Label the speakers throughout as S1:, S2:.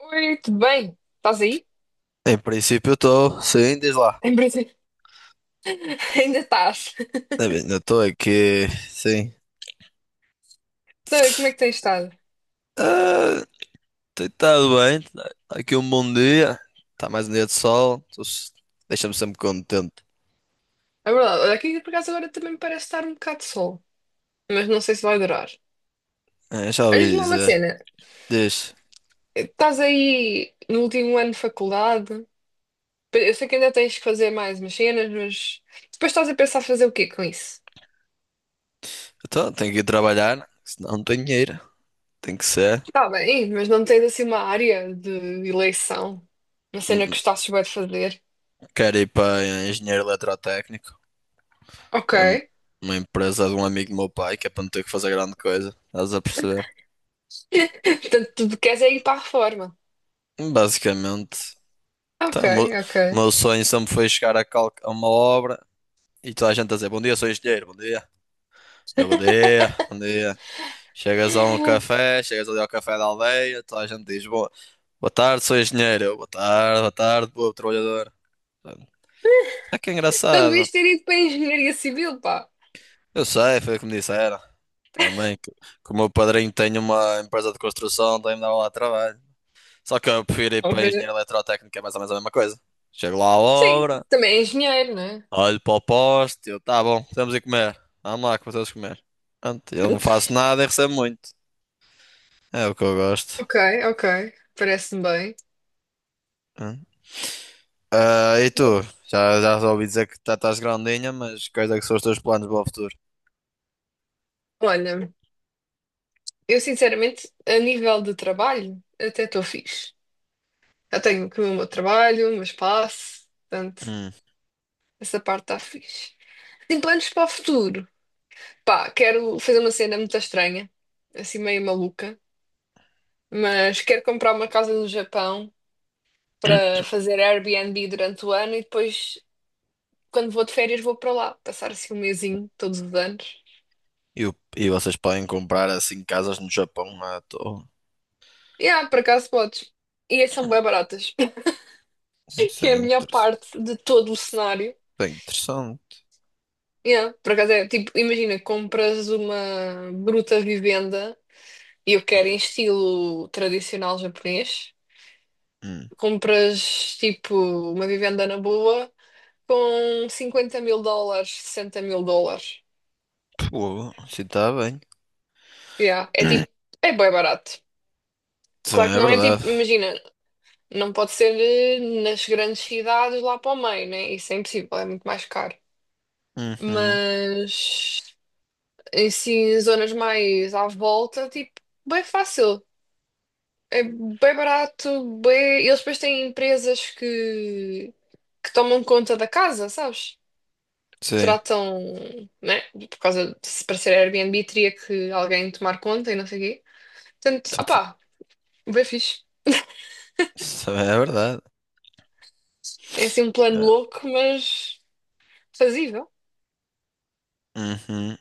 S1: Oi, tudo bem? Estás aí?
S2: Em princípio estou sim, diz lá.
S1: Em princípio. Ainda estás.
S2: É bem, eu estou aqui, sim.
S1: Então, como é que tens estado?
S2: Ah, tem estado bem, tá aqui um bom dia, está mais um dia de sol, deixa-me sempre contente.
S1: É verdade, olha, aqui por acaso agora também me parece estar um bocado de sol, mas não sei se vai durar.
S2: É, já ouvi
S1: Olha-me uma
S2: dizer.
S1: cena,
S2: Diz.
S1: estás aí no último ano de faculdade, eu sei que ainda tens que fazer mais umas cenas, mas depois estás a pensar fazer o quê com isso?
S2: Então tenho que ir trabalhar, né? Senão não tenho dinheiro, tem que ser.
S1: Está bem, mas não tens assim uma área de eleição, uma cena que
S2: Hum.
S1: gostasses bem de fazer.
S2: Quero ir para engenheiro eletrotécnico,
S1: Ok.
S2: é um- uma empresa de um amigo do meu pai, que é para não ter que fazer grande coisa, estás a perceber?
S1: Portanto, tu queres é ir para a reforma.
S2: Basicamente.
S1: Ok,
S2: Então, o meu
S1: ok.
S2: o meu sonho sempre foi chegar a uma obra e toda a gente a dizer bom dia, sou engenheiro, bom dia. Eu, bom dia, bom dia. Chegas a um café, chegas ali ao café da aldeia, toda a gente diz boa, boa tarde, sou engenheiro. Eu, boa tarde, boa tarde, boa trabalhador. Portanto, é que é
S1: Então
S2: engraçado.
S1: devias ter ido para a engenharia civil, pá.
S2: Eu sei, foi o que me disseram. Também, que o meu padrinho tem uma empresa de construção, também me dava lá trabalho. Só que eu prefiro ir
S1: Ou
S2: para
S1: de-
S2: engenheiro eletrotécnico, é mais ou menos a mesma coisa. Chego lá à
S1: Sim,
S2: obra.
S1: também é engenheiro, não é?
S2: Olho para o poste, eu, tá bom, estamos a comer. Vamos lá que vocês comer. Pronto, eu não faço nada e recebo muito. É o que eu gosto.
S1: Ok, ok. Parece-me bem.
S2: Hum. Ah, e tu? Já ouvi dizer que já estás grandinha, mas quais é que são os teus planos para o futuro?
S1: Olha, eu sinceramente, a nível de trabalho, até estou fixe. Já tenho que o meu trabalho, o meu espaço, portanto,
S2: Hum.
S1: essa parte está fixe. Tenho planos para o futuro. Pá, quero fazer uma cena muito estranha, assim meio maluca, mas quero comprar uma casa no Japão para fazer Airbnb durante o ano e depois quando vou de férias, vou para lá, passar assim um mesinho todos os anos.
S2: E vocês podem comprar assim casas no Japão à toa?
S1: Por acaso podes. E é, são bem baratas,
S2: Isso
S1: que é
S2: é
S1: a melhor
S2: interessante.
S1: parte de todo o cenário.
S2: Bem interessante.
S1: Yeah, por acaso é tipo, imagina, compras uma bruta vivenda e eu quero em estilo tradicional japonês.
S2: Hum.
S1: Compras tipo uma vivenda na boa com US$ 50 000, US$ 60 000.
S2: Pô, se está bem.
S1: Yeah, é tipo, é bem barato.
S2: Isso
S1: Claro que
S2: é
S1: não é
S2: verdade.
S1: tipo, imagina, não pode ser nas grandes cidades lá para o meio, né? Isso é impossível, é muito mais caro.
S2: Uhum.
S1: Mas em si, zonas mais à volta, tipo, bem fácil. É bem barato, bem. Eles depois têm empresas que tomam conta da casa, sabes?
S2: Sim.
S1: Tratam, né? Por causa de se para ser Airbnb teria que alguém tomar conta e não sei o quê. Portanto,
S2: Isso
S1: opá, bem fixe.
S2: isso é verdade.
S1: É assim um plano
S2: É.
S1: louco, mas fazível.
S2: Uhum.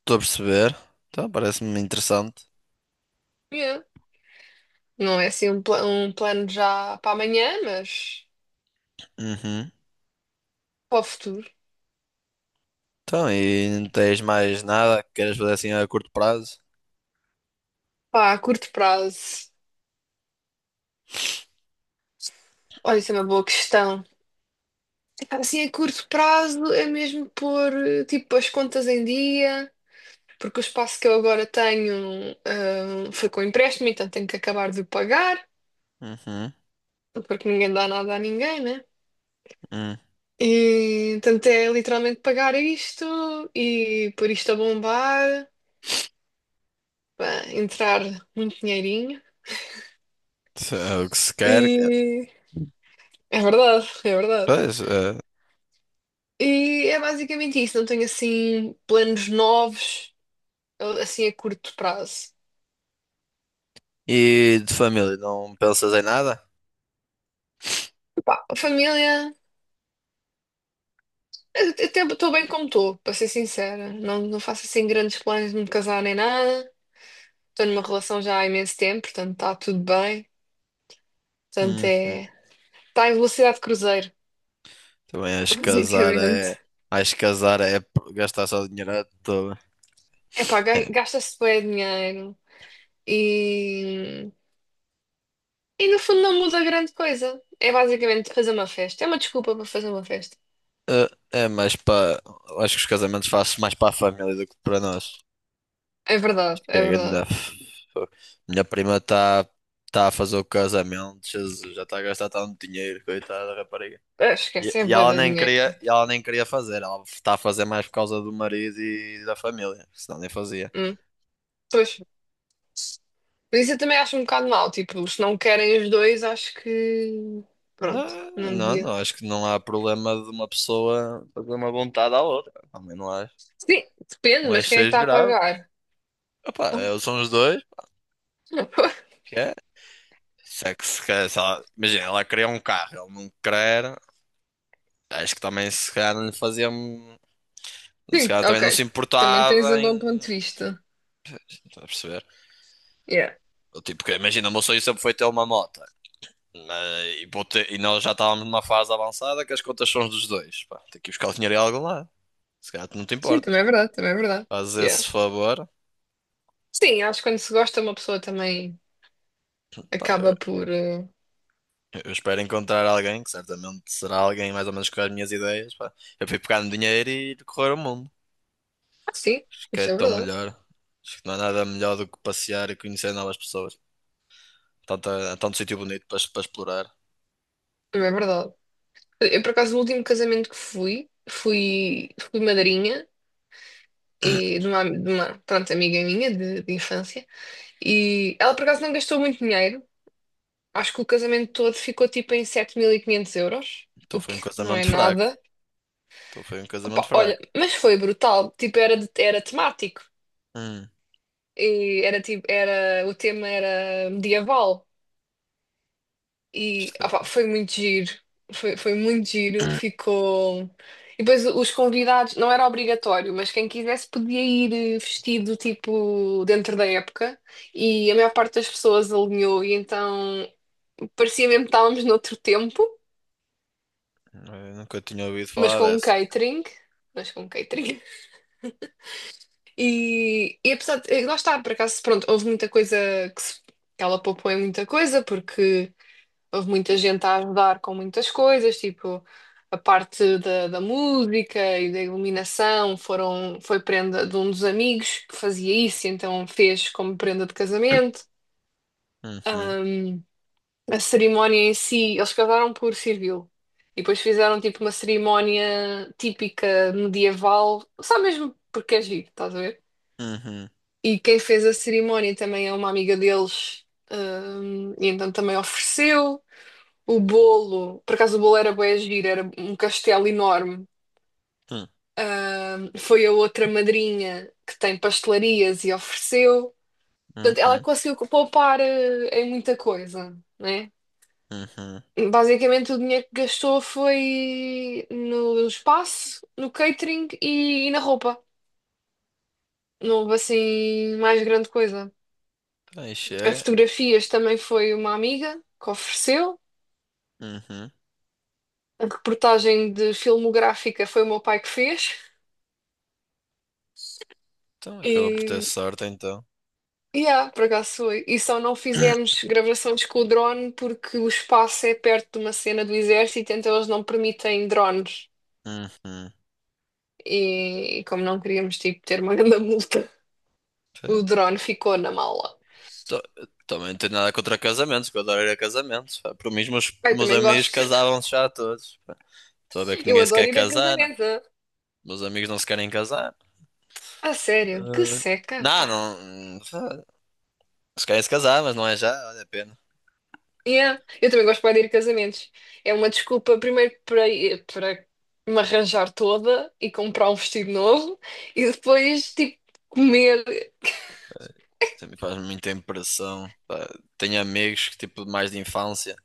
S2: Estou a perceber. Então, parece-me interessante.
S1: Yeah. Não é assim um, um plano já para amanhã, mas
S2: Uhum.
S1: para o futuro,
S2: Então, e não tens mais nada que queiras fazer assim a curto prazo?
S1: pá, a curto prazo. Olha, isso é uma boa questão. Epá, assim, a curto prazo é mesmo pôr tipo as contas em dia, porque o espaço que eu agora tenho foi com empréstimo, então tenho que acabar de o pagar,
S2: Uhum.
S1: porque ninguém dá nada a ninguém, né?
S2: Hum.
S1: E, portanto, é literalmente pagar isto e pôr isto a bombar, pá, entrar muito dinheirinho.
S2: Se é o que se quer. É.
S1: E é verdade, é verdade.
S2: Pois, é.
S1: E é basicamente isso, não tenho assim planos novos, assim a curto prazo.
S2: E de família, não pensas em nada?
S1: Pá, a família, eu até estou bem como estou, para ser sincera. Não, não faço assim grandes planos de me casar nem nada. Estou numa relação já há imenso tempo, portanto está tudo bem. Portanto é.
S2: Uhum.
S1: Está em velocidade de cruzeiro,
S2: Também acho que casar
S1: basicamente.
S2: é. Acho que casar é gastar só dinheiro à toa.
S1: É pá, gasta-se bem dinheiro e. E no fundo não muda grande coisa. É basicamente fazer uma festa. É uma desculpa para fazer uma festa.
S2: É, é mais para. Acho que os casamentos fazem mais para a família do que para nós.
S1: É verdade,
S2: Que
S1: é
S2: é grande.
S1: verdade.
S2: Minha prima está tá a fazer o casamento, Jesus, já está a gastar tanto dinheiro, coitada da rapariga.
S1: Ah,
S2: E,
S1: esquece, é
S2: e
S1: bué de dinheiro.
S2: ela nem queria fazer, ela está a fazer mais por causa do marido e da família, senão nem fazia.
S1: Hum, Pois. Mas isso eu também acho um bocado mal. Tipo, se não querem os dois, acho que. Pronto,
S2: Não,
S1: não
S2: não,
S1: devia.
S2: não, acho que não há problema de uma pessoa fazer uma vontade à outra. Também
S1: Sim, depende,
S2: não
S1: mas
S2: acho que
S1: quem é que
S2: seja
S1: está a
S2: grave.
S1: pagar?
S2: Opa, são os dois, que é? Se é que se quer, se ela- imagina, ela queria um carro, ele não quer, acho que também se calhar não lhe fazia. Se
S1: Sim,
S2: calhar também não
S1: ok.
S2: se
S1: Também tens
S2: importava
S1: um bom ponto
S2: em.
S1: de vista.
S2: Estás a perceber?
S1: Yeah.
S2: Eu, tipo, que imagina, o meu sonho sempre foi ter uma moto. E nós já estávamos numa fase avançada que as contas são dos dois. Pá, tem que ir buscar o dinheiro em algum lado. Se calhar tu não te
S1: Sim, também é
S2: importas.
S1: verdade, também é verdade.
S2: Faz
S1: Yeah.
S2: esse favor.
S1: Sim, acho que quando se gosta, uma pessoa também
S2: Pá, eu,
S1: acaba por.
S2: eu espero encontrar alguém que certamente será alguém mais ou menos com as minhas ideias. Pá. Eu fui pegar no dinheiro e ir correr o mundo.
S1: Ah, sim,
S2: Acho que é
S1: isso é
S2: tão
S1: verdade.
S2: melhor. Acho que não há nada melhor do que passear e conhecer novas pessoas. Tanto, tanto sítio bonito para explorar.
S1: Também é verdade. Eu, por acaso, no último casamento que fui, fui madrinha. E de uma, pronto, amiga minha de infância. E ela, por acaso, não gastou muito dinheiro. Acho que o casamento todo ficou tipo em 7.500 euros,
S2: Então
S1: o
S2: foi um
S1: que não é
S2: casamento fraco.
S1: nada.
S2: Então foi um casamento
S1: Opa,
S2: fraco.
S1: olha, mas foi brutal. Tipo, era temático.
S2: Hum,
S1: E era tipo, era, o tema era medieval. E opá,
S2: estranho.
S1: foi muito giro, foi, foi muito giro, ficou. E depois os convidados, não era obrigatório, mas quem quisesse podia ir vestido tipo dentro da época e a maior parte das pessoas alinhou e então parecia mesmo que estávamos noutro tempo,
S2: Eu nunca tinha ouvido
S1: mas
S2: falar
S1: com um
S2: dessa.
S1: catering, mas com um catering. E, e apesar de, lá está, por acaso, pronto, houve muita coisa que se- que ela poupou em muita coisa, porque houve muita gente a ajudar com muitas coisas, tipo a parte da música e da iluminação foram, foi prenda de um dos amigos que fazia isso, então fez como prenda de casamento.
S2: Uhum,
S1: A cerimónia em si, eles casaram por civil. E depois fizeram tipo uma cerimónia típica medieval, só mesmo porque é giro, estás a ver?
S2: uhum,
S1: E quem fez a cerimónia também é uma amiga deles, e então também ofereceu. O bolo, por acaso o bolo era bué giro, era um castelo enorme.
S2: hum,
S1: Foi a outra madrinha que tem pastelarias e ofereceu. Portanto, ela
S2: uhum,
S1: conseguiu poupar em muita coisa, né?
S2: uhum.
S1: Basicamente, o dinheiro que gastou foi no espaço, no catering e na roupa. Não houve assim mais grande coisa.
S2: Então aí
S1: A
S2: chega.
S1: fotografias também foi uma amiga que ofereceu.
S2: Uhum.
S1: A reportagem de filmográfica foi o meu pai que fez.
S2: Então acaba por ter
S1: E
S2: sorte então.
S1: yeah, por acaso foi. E só não fizemos gravações com o drone porque o espaço é perto de uma cena do exército, então eles não permitem drones.
S2: Uhum.
S1: E como não queríamos, tipo, ter uma grande multa, o
S2: Fe-
S1: drone ficou na mala.
S2: to- Também não tenho nada contra casamentos, que eu adoro ir a casamentos, pá. Por mim, os meus, os
S1: Eu
S2: meus
S1: também
S2: amigos
S1: gosto.
S2: casavam-se já todos, pá. Estou a ver que
S1: Eu
S2: ninguém se quer
S1: adoro ir a
S2: casar, né?
S1: casamentos. Ah.
S2: Meus amigos não se querem casar.
S1: A sério, que
S2: Eh,
S1: seca,
S2: Não,
S1: pá.
S2: não. hum, Se querem se casar, mas não é já, vale a pena.
S1: Yeah. Eu também gosto bué de ir a casamentos. É uma desculpa, primeiro, para me arranjar toda e comprar um vestido novo e depois, tipo, comer.
S2: Sempre faz muita impressão, pá. Tenho amigos que, tipo, mais de infância,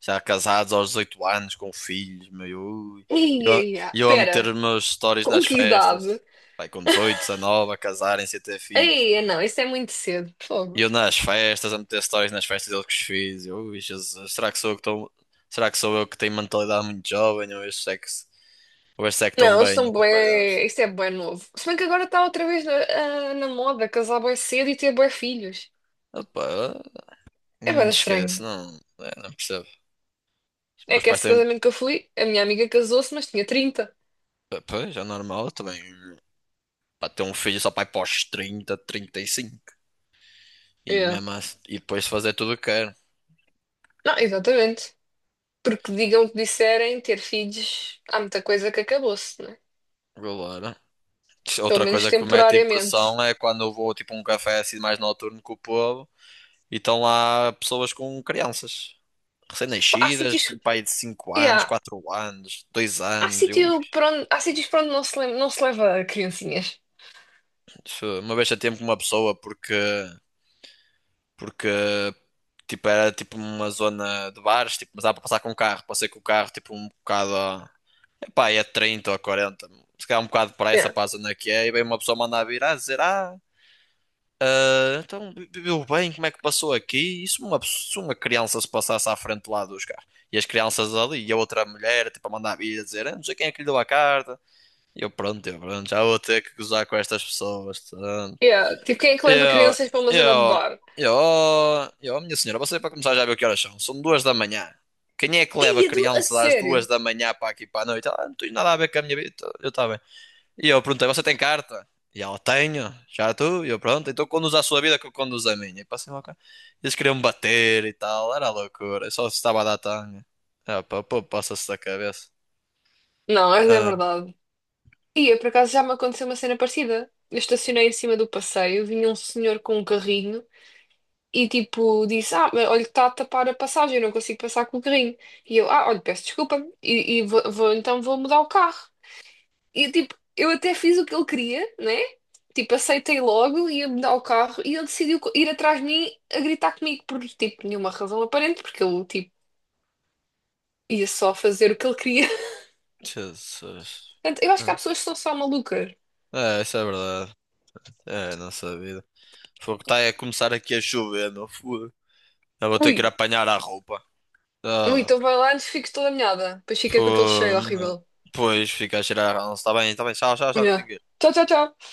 S2: já casados aos 18 anos, com filhos, meu. Ui. E
S1: Ia,
S2: eu,
S1: ia.
S2: e eu a meter
S1: Pera,
S2: os meus stories
S1: com
S2: nas
S1: que
S2: festas,
S1: idade?
S2: vai com 18, 19 a casarem-se e a ter filhos.
S1: Ei, não, isso é muito cedo.
S2: E
S1: Fogo.
S2: eu nas festas, a meter stories nas festas deles que os fiz. Eu, ui, Jesus, será que sou eu que estou. Será que sou eu que tenho mentalidade muito jovem? Ou estes é que, ou estes é que estão
S1: Não, eles
S2: bem?
S1: são
S2: Epá, já não perce-
S1: bué. Isso é bué novo. Se bem que agora está outra vez na, na moda casar bué cedo e ter bué filhos.
S2: Opa,
S1: É bué
S2: não
S1: estranho.
S2: esquece, não, é, não percebo. Os
S1: É
S2: meus
S1: que
S2: pais
S1: esse
S2: têm.
S1: casamento que eu fui, a minha amiga casou-se, mas tinha 30.
S2: Pois, é normal, eu também. Pra ter um filho só pra ir pós 30, 35. E cinco. E
S1: Yeah.
S2: mesmo assim, e depois fazer tudo o que quero.
S1: Não, exatamente. Porque digam o que disserem, ter filhos, há muita coisa que acabou-se, né?
S2: Agora.
S1: Pelo
S2: Outra
S1: menos
S2: coisa que me mete
S1: temporariamente.
S2: impressão é quando eu vou tipo a um café assim mais noturno com o povo e estão lá pessoas com crianças.
S1: Há
S2: Recém-nascidas,
S1: sítios.
S2: assim, pai de 5 anos,
S1: Yeah.
S2: 4 anos, 2
S1: Há
S2: anos. Eu, ui,
S1: sítio para onde, há sítios para onde não se, não se leva criancinhas.
S2: uma vez a tempo com uma pessoa porque, porque tipo, era tipo uma zona de bares, tipo, mas dá para passar com o carro. Passei com o carro tipo um bocado pá, é 30 ou quarenta. Se calhar um bocado de pressa
S1: Yeah.
S2: para a zona que é, e vem uma pessoa mandar vir a dizer: Ah, ah, então viveu bem, como é que passou aqui? E se uma criança se passasse à frente lá dos carros? E as crianças ali, e a outra mulher, tipo, a mandar vir a dizer: ah, não sei quem é que lhe deu a carta. E eu, pronto, já vou ter que gozar com estas pessoas, portanto.
S1: Yeah. Tipo, quem é que leva
S2: Eu,
S1: crianças para uma zona de
S2: eu,
S1: bar?
S2: eu, eu, minha senhora, você para começar já viu que horas são? São 2 da manhã. Quem é que leva a
S1: Ia, do. A
S2: criança às duas
S1: sério?
S2: da manhã para aqui para a noite? Ah, não tenho nada a ver com a minha vida. Eu estava bem. E eu perguntei, você tem carta? E ela, tenho, já tu? E eu, pronto, então conduz a sua vida que eu conduzo a minha. E passei lá o carro. Eles queriam me bater e tal, era loucura, eu só estava a dar tanga. Ah, pá, pô, passa-se da cabeça.
S1: Não, essa é
S2: Ah,
S1: verdade. Ia, por acaso já me aconteceu uma cena parecida. Eu estacionei em cima do passeio, vinha um senhor com um carrinho e tipo disse: Ah, mas olha, está a tapar a passagem, eu não consigo passar com o carrinho. E eu, ah, olha, peço desculpa, e vou, então vou mudar o carro. E tipo, eu até fiz o que ele queria, né? Tipo, aceitei logo, ia mudar o carro e ele decidiu ir atrás de mim a gritar comigo por tipo, nenhuma razão aparente, porque eu tipo. Ia só fazer o que ele queria.
S2: Jesus.
S1: Portanto, eu acho que há
S2: Mano,
S1: pessoas que são só malucas.
S2: é, isso é verdade. É, a nossa vida. Fogo, tá a começar aqui a chover, meu fogo. Eu vou ter que ir
S1: Ui,
S2: apanhar a roupa.
S1: ui,
S2: Ah,
S1: então vai lá antes fico toda molhada. Depois fica com aquele
S2: fogo,
S1: cheiro
S2: mano.
S1: horrível.
S2: Pois, fica a cheirar a ranço. Tá bem, tchau, tchau, tchau, que eu tenho
S1: Yeah.
S2: que ir.
S1: Tchau, tchau, tchau.